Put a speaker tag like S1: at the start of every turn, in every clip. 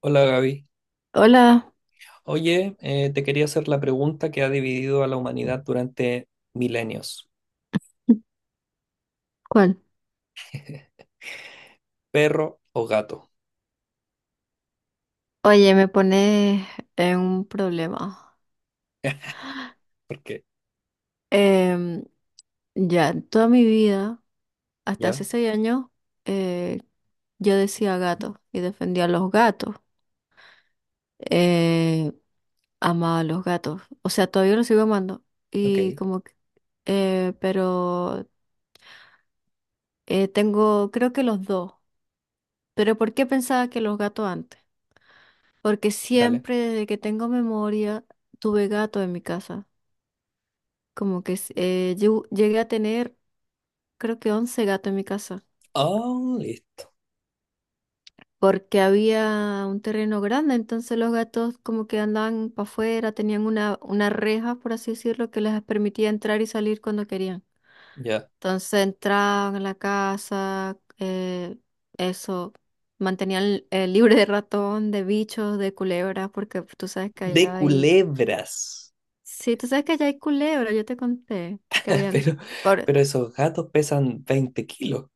S1: Hola Gaby.
S2: Hola,
S1: Oye, te quería hacer la pregunta que ha dividido a la humanidad durante milenios.
S2: ¿cuál?
S1: ¿Perro o gato?
S2: Oye, me pones en un problema.
S1: ¿Por qué?
S2: Em, ya, toda mi vida, hasta hace
S1: ¿Ya?
S2: 6 años, eh, yo decía gato y defendía a los gatos. Eh, Amaba a los gatos. O sea, todavía los sigo amando.
S1: Ok,
S2: Y como que, pero Tengo, creo que los dos. Pero ¿por qué pensaba que los gatos antes? Porque
S1: dale.
S2: siempre desde que tengo memoria tuve gatos en mi casa. Yo llegué a tener, creo que 11 gatos en mi casa,
S1: Oh, listo.
S2: porque había un terreno grande, entonces los gatos como que andaban para afuera, tenían una reja, por así decirlo, que les permitía entrar y salir cuando querían.
S1: Ya.
S2: Entonces entraban a la casa, eso, mantenían libre de ratón, de bichos, de culebras, porque tú sabes que
S1: De
S2: allá hay.
S1: culebras.
S2: Sí, tú sabes que allá hay culebras, yo te conté que habían.
S1: Pero, pero esos gatos pesan 20 kilos.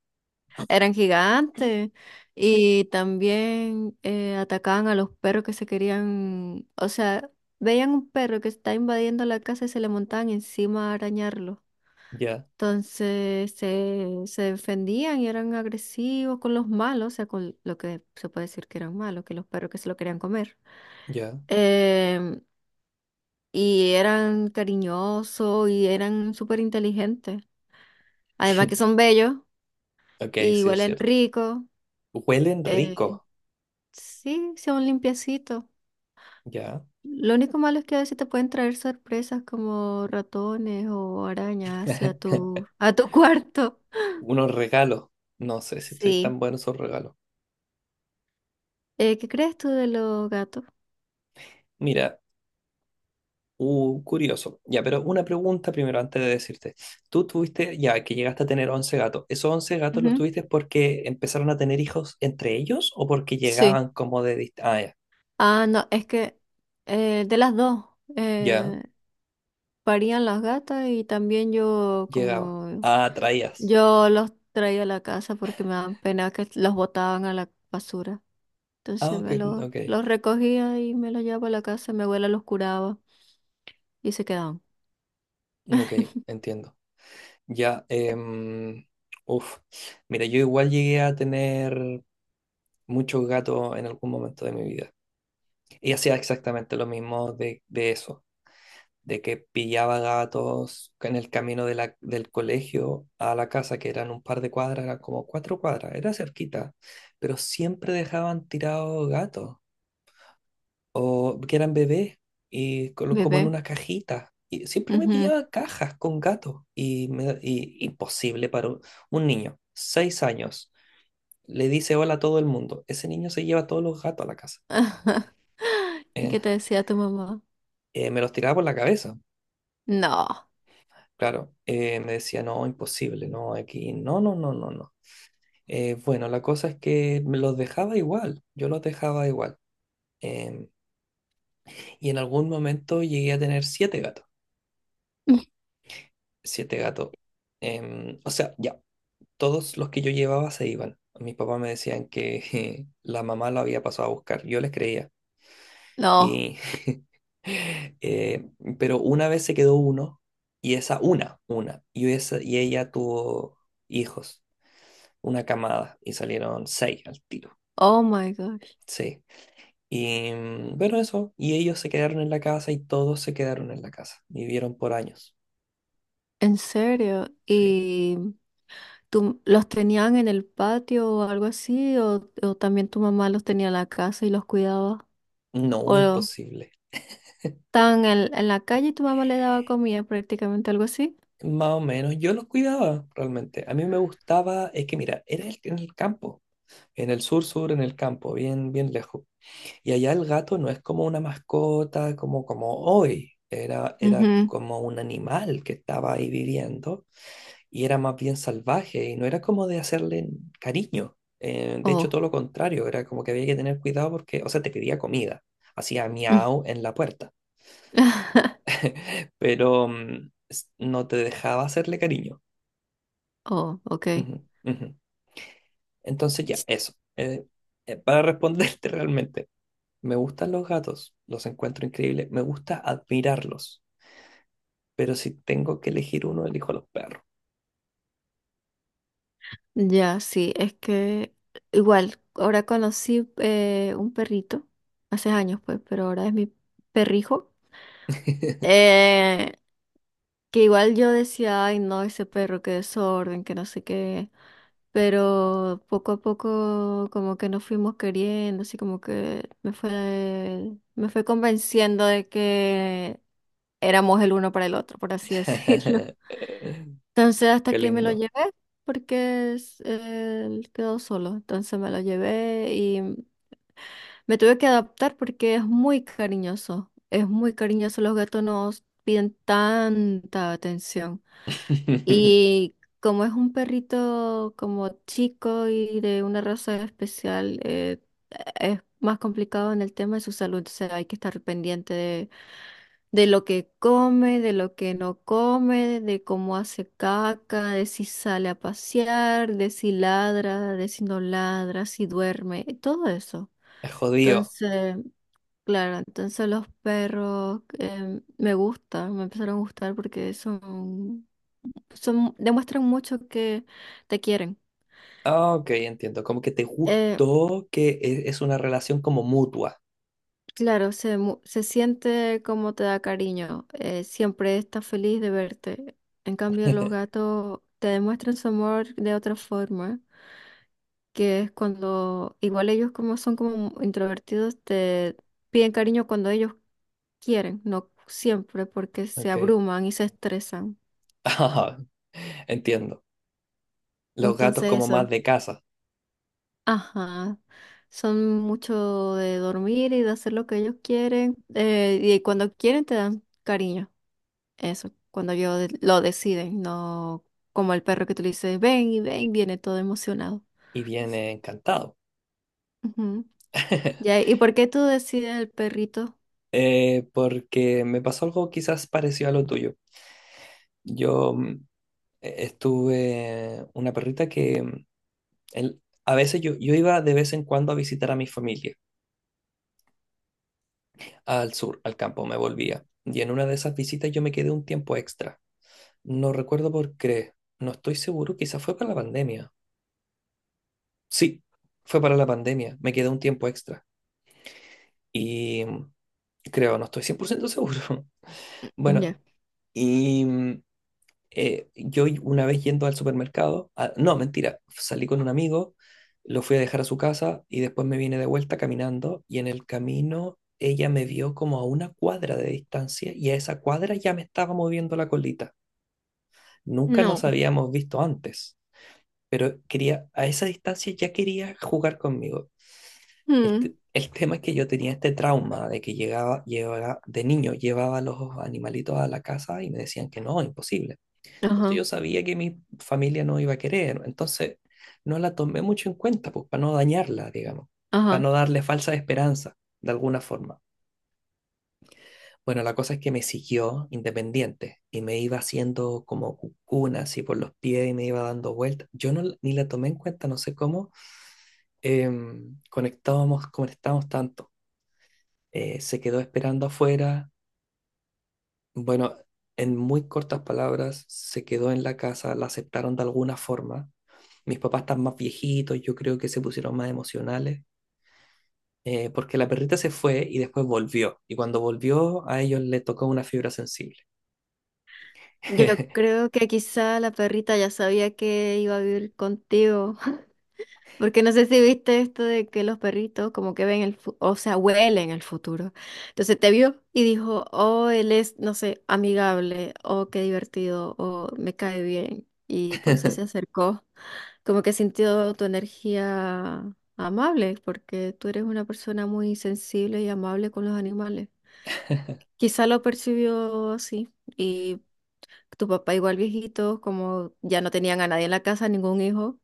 S2: Eran gigantes y también atacaban a los perros que se querían, o sea, veían un perro que está invadiendo la casa y se le montaban encima a arañarlo.
S1: Ya,
S2: Entonces se defendían y eran agresivos con los malos, o sea, con lo que se puede decir que eran malos, que los perros que se lo querían comer.
S1: ya.
S2: Em, y eran cariñosos y eran súper inteligentes. Además que son bellos
S1: Ok,
S2: y
S1: sí, es
S2: huelen
S1: cierto.
S2: rico.
S1: Huelen
S2: eh,
S1: rico.
S2: Sí, sea un limpiecito.
S1: Ya.
S2: Lo único malo es que a veces te pueden traer sorpresas como ratones o arañas hacia a tu cuarto.
S1: Unos regalos. No sé si estoy
S2: Sí.
S1: tan buenos esos regalos.
S2: ¿Qué crees tú de los gatos?
S1: Mira, curioso. Ya, pero una pregunta primero antes de decirte. Tú tuviste, ya que llegaste a tener 11 gatos, ¿esos 11 gatos los
S2: Ujú.
S1: tuviste porque empezaron a tener hijos entre ellos o porque
S2: Sí.
S1: llegaban como de Ah, ya,
S2: Ah, no, es que de las dos,
S1: ya,
S2: eh, parían las gatas y también yo,
S1: llegaba.
S2: como
S1: Ah, traías.
S2: yo los traía a la casa porque me daban pena que los botaban a la basura.
S1: Ah,
S2: Entonces
S1: ok,
S2: me los,
S1: ok,
S2: los recogía y me los llevaba a la casa, mi abuela los curaba y se quedaban.
S1: ok, entiendo. Ya, uf. Mira, yo igual llegué a tener muchos gatos en algún momento de mi vida. Y hacía exactamente lo mismo de eso. De que pillaba gatos en el camino de del colegio a la casa, que eran un par de cuadras, eran como 4 cuadras, era cerquita, pero siempre dejaban tirados gatos, o que eran bebés, y como en
S2: Bebé.
S1: unas cajitas. Y siempre me
S2: Ujú.
S1: pillaba cajas con gatos, y, imposible para un, niño, 6 años, le dice hola a todo el mundo, ese niño se lleva todos los gatos a la casa.
S2: ¿Y
S1: Eh,
S2: qué te decía tu mamá?
S1: me los tiraba por la cabeza.
S2: No,
S1: Claro, me decía, no, imposible, no, aquí, no, no, no, no, no. Bueno, la cosa es que me los dejaba igual, yo los dejaba igual. Em, y en algún momento llegué a tener siete gatos, siete gatos. O sea, ya, todos los que yo llevaba se iban. Mis papás me decían que la mamá lo había pasado a buscar, yo les creía.
S2: no.
S1: Y, eh, pero una vez se quedó uno, y esa, y ella tuvo hijos. Una camada y salieron seis al tiro.
S2: Oh my gosh.
S1: Sí. Y bueno, eso. Y ellos se quedaron en la casa y todos se quedaron en la casa. Vivieron por años.
S2: ¿En serio?
S1: Sí.
S2: ¿Y tú los tenían en el patio o algo así? O también tu mamá los tenía en la casa y los cuidaba? ¿O
S1: No, imposible.
S2: estaban en la calle y tu mamá le daba comida prácticamente, algo así?
S1: Más o menos. Yo los cuidaba realmente. A mí me gustaba, es que mira, era en el campo. En el sur sur, en el campo, bien, bien lejos. Y allá el gato no es como una mascota, como hoy. Era
S2: Ujú.
S1: como un animal que estaba ahí viviendo y era más bien salvaje y no era como de hacerle cariño. De hecho,
S2: Oh.
S1: todo lo contrario, era como que había que tener cuidado porque, o sea, te pedía comida, hacía miau en la puerta, pero no te dejaba hacerle cariño.
S2: Oh, ok.
S1: Ujú, ujú. Entonces ya, eso. Para responderte realmente, me gustan los gatos, los encuentro increíbles, me gusta admirarlos, pero si tengo que elegir uno, elijo a los perros.
S2: Ya, sí, es que igual, ahora conocí un perrito, hace años pues, pero ahora es mi perrijo, eh, que igual yo decía, ay no, ese perro, qué desorden, que no sé qué, pero poco a poco como que nos fuimos queriendo, así como que me fue convenciendo de que éramos el uno para el otro, por así decirlo. Entonces hasta
S1: Qué
S2: que me lo
S1: lindo.
S2: llevé, porque él quedó solo, entonces me lo llevé y me tuve que adaptar porque es muy cariñoso, los gatos nos piden tanta atención. Y como es un perrito como chico y de una raza especial, es más complicado en el tema de su salud. O sea, hay que estar pendiente de lo que come, de lo que no come, de cómo hace caca, de si sale a pasear, de si ladra, de si no ladra, si duerme, todo eso.
S1: Es jodido.
S2: Entonces, claro, entonces los perros, me gustan, me empezaron a gustar porque son, demuestran mucho que te quieren.
S1: Ah, ok, entiendo. Como que te
S2: Eh,
S1: gustó que es una relación como mutua.
S2: claro, se, se siente como te da cariño, siempre está feliz de verte. En cambio, los gatos te demuestran su amor de otra forma, que es cuando, igual ellos como son como introvertidos, te piden cariño cuando ellos quieren, no siempre porque se
S1: Ok.
S2: abruman y se estresan.
S1: Ah, entiendo. Los gatos
S2: Entonces
S1: como más
S2: eso.
S1: de casa.
S2: Ajá, son mucho de dormir y de hacer lo que ellos quieren. Y cuando quieren te dan cariño. Eso, cuando ellos lo deciden, no como el perro que tú le dices, ven y ven, viene todo emocionado.
S1: Y viene encantado.
S2: Ujú. Ya, ¿y por qué tú decides el perrito?
S1: Porque me pasó algo quizás parecido a lo tuyo. Yo estuve una perrita que a veces yo iba de vez en cuando a visitar a mi familia al sur, al campo, me volvía. Y en una de esas visitas yo me quedé un tiempo extra. No recuerdo por qué. No estoy seguro. Quizás fue para la pandemia. Sí, fue para la pandemia. Me quedé un tiempo extra. Y creo, no estoy 100% seguro.
S2: Ya.
S1: Bueno, y yo una vez yendo al supermercado, ah, no, mentira, salí con un amigo, lo fui a dejar a su casa y después me vine de vuelta caminando y en el camino ella me vio como a una cuadra de distancia y a esa cuadra ya me estaba moviendo la colita. Nunca
S2: No.
S1: nos habíamos visto antes. Pero quería, a esa distancia ya quería jugar conmigo. El, te-
S2: Mm,
S1: el tema es que yo tenía este trauma de que llegaba, llevaba, de niño llevaba los animalitos a la casa y me decían que no, imposible. Entonces
S2: ajá,
S1: yo sabía que mi familia no iba a querer, entonces no la tomé mucho en cuenta, pues para no dañarla, digamos, para
S2: ajá.
S1: no darle falsa esperanza, de alguna forma. Bueno, la cosa es que me siguió independiente y me iba haciendo como cucuna así por los pies y me iba dando vueltas. Yo no, ni la tomé en cuenta, no sé cómo, conectábamos, conectamos tanto. Se quedó esperando afuera. Bueno, en muy cortas palabras, se quedó en la casa, la aceptaron de alguna forma. Mis papás están más viejitos, yo creo que se pusieron más emocionales, porque la perrita se fue y después volvió. Y cuando volvió, a ellos le tocó una fibra sensible.
S2: Yo creo que quizá la perrita ya sabía que iba a vivir contigo. Porque no sé si viste esto de que los perritos como que ven el, o sea, huelen el futuro. Entonces te vio y dijo, oh, él es, no sé, amigable, oh, qué divertido, oh, me cae bien. Y por eso se acercó. Como que sintió tu energía amable, porque tú eres una persona muy sensible y amable con los animales. Quizá lo percibió así. Y tu papá igual viejito, como ya no tenían a nadie en la casa, ningún hijo.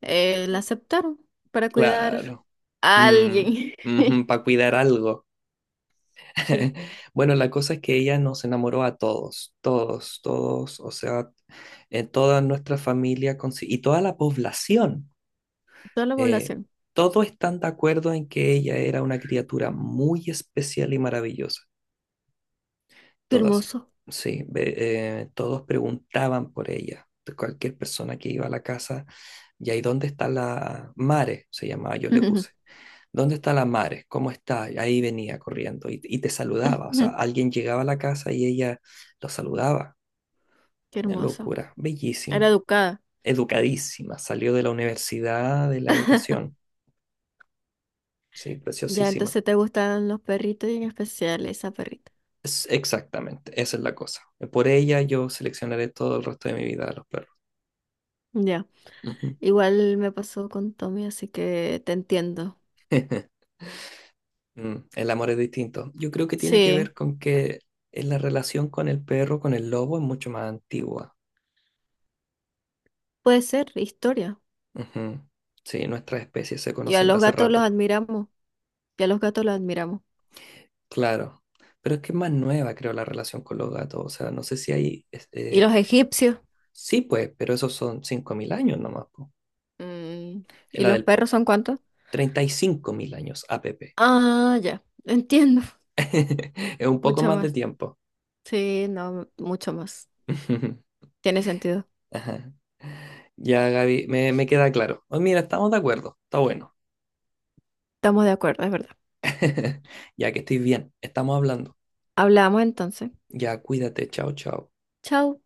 S2: La aceptaron para cuidar
S1: Claro.
S2: a alguien.
S1: Mm, para cuidar algo.
S2: Sí,
S1: Bueno, la cosa es que ella nos enamoró a todos, todos, todos, o sea, toda nuestra familia y toda la población.
S2: toda la
S1: eh,
S2: población.
S1: todos están de acuerdo en que ella era una criatura muy especial y maravillosa.
S2: Qué
S1: Todas,
S2: hermoso.
S1: sí, todos preguntaban por ella. De cualquier persona que iba a la casa, y ahí dónde está la Mare, se llamaba, yo le puse. ¿Dónde está la Mares? ¿Cómo está? Y ahí venía corriendo y te saludaba. O sea, alguien llegaba a la casa y ella lo saludaba.
S2: Qué
S1: Una
S2: hermoso.
S1: locura,
S2: Era
S1: bellísima,
S2: educada.
S1: educadísima. Salió de la universidad de la educación. Sí,
S2: Ya,
S1: preciosísima.
S2: entonces te gustaban los perritos y en especial esa perrita.
S1: Exactamente, esa es la cosa. Por ella yo seleccionaré todo el resto de mi vida a los perros.
S2: Ya.
S1: Ujú.
S2: Igual me pasó con Tommy, así que te entiendo.
S1: El amor es distinto. Yo creo que tiene que
S2: Sí,
S1: ver con que la relación con el perro, con el lobo, es mucho más antigua.
S2: puede ser historia.
S1: Ujú. Sí, nuestras especies se
S2: Y a
S1: conocen de
S2: los
S1: hace
S2: gatos los
S1: rato.
S2: admiramos. Y a los gatos los admiramos.
S1: Claro, pero es que es más nueva, creo, la relación con los gatos. O sea, no sé si hay,
S2: ¿Y
S1: este,
S2: los egipcios?
S1: sí, pues, pero esos son 5000 años nomás, po.
S2: Mm,
S1: Es
S2: ¿y
S1: la
S2: los
S1: del
S2: perros son cuántos?
S1: 35 000 años, a APP.
S2: Ah, ya. Entiendo.
S1: Es un poco
S2: Mucho
S1: más de
S2: más.
S1: tiempo.
S2: Sí, no, mucho más. Tiene sentido.
S1: Ajá. Ya, Gaby, me queda claro. Oh, mira, estamos de acuerdo, está bueno.
S2: Estamos de acuerdo, es verdad.
S1: Ya que estoy bien, estamos hablando.
S2: Hablamos entonces.
S1: Ya, cuídate, chao, chao.
S2: Chao.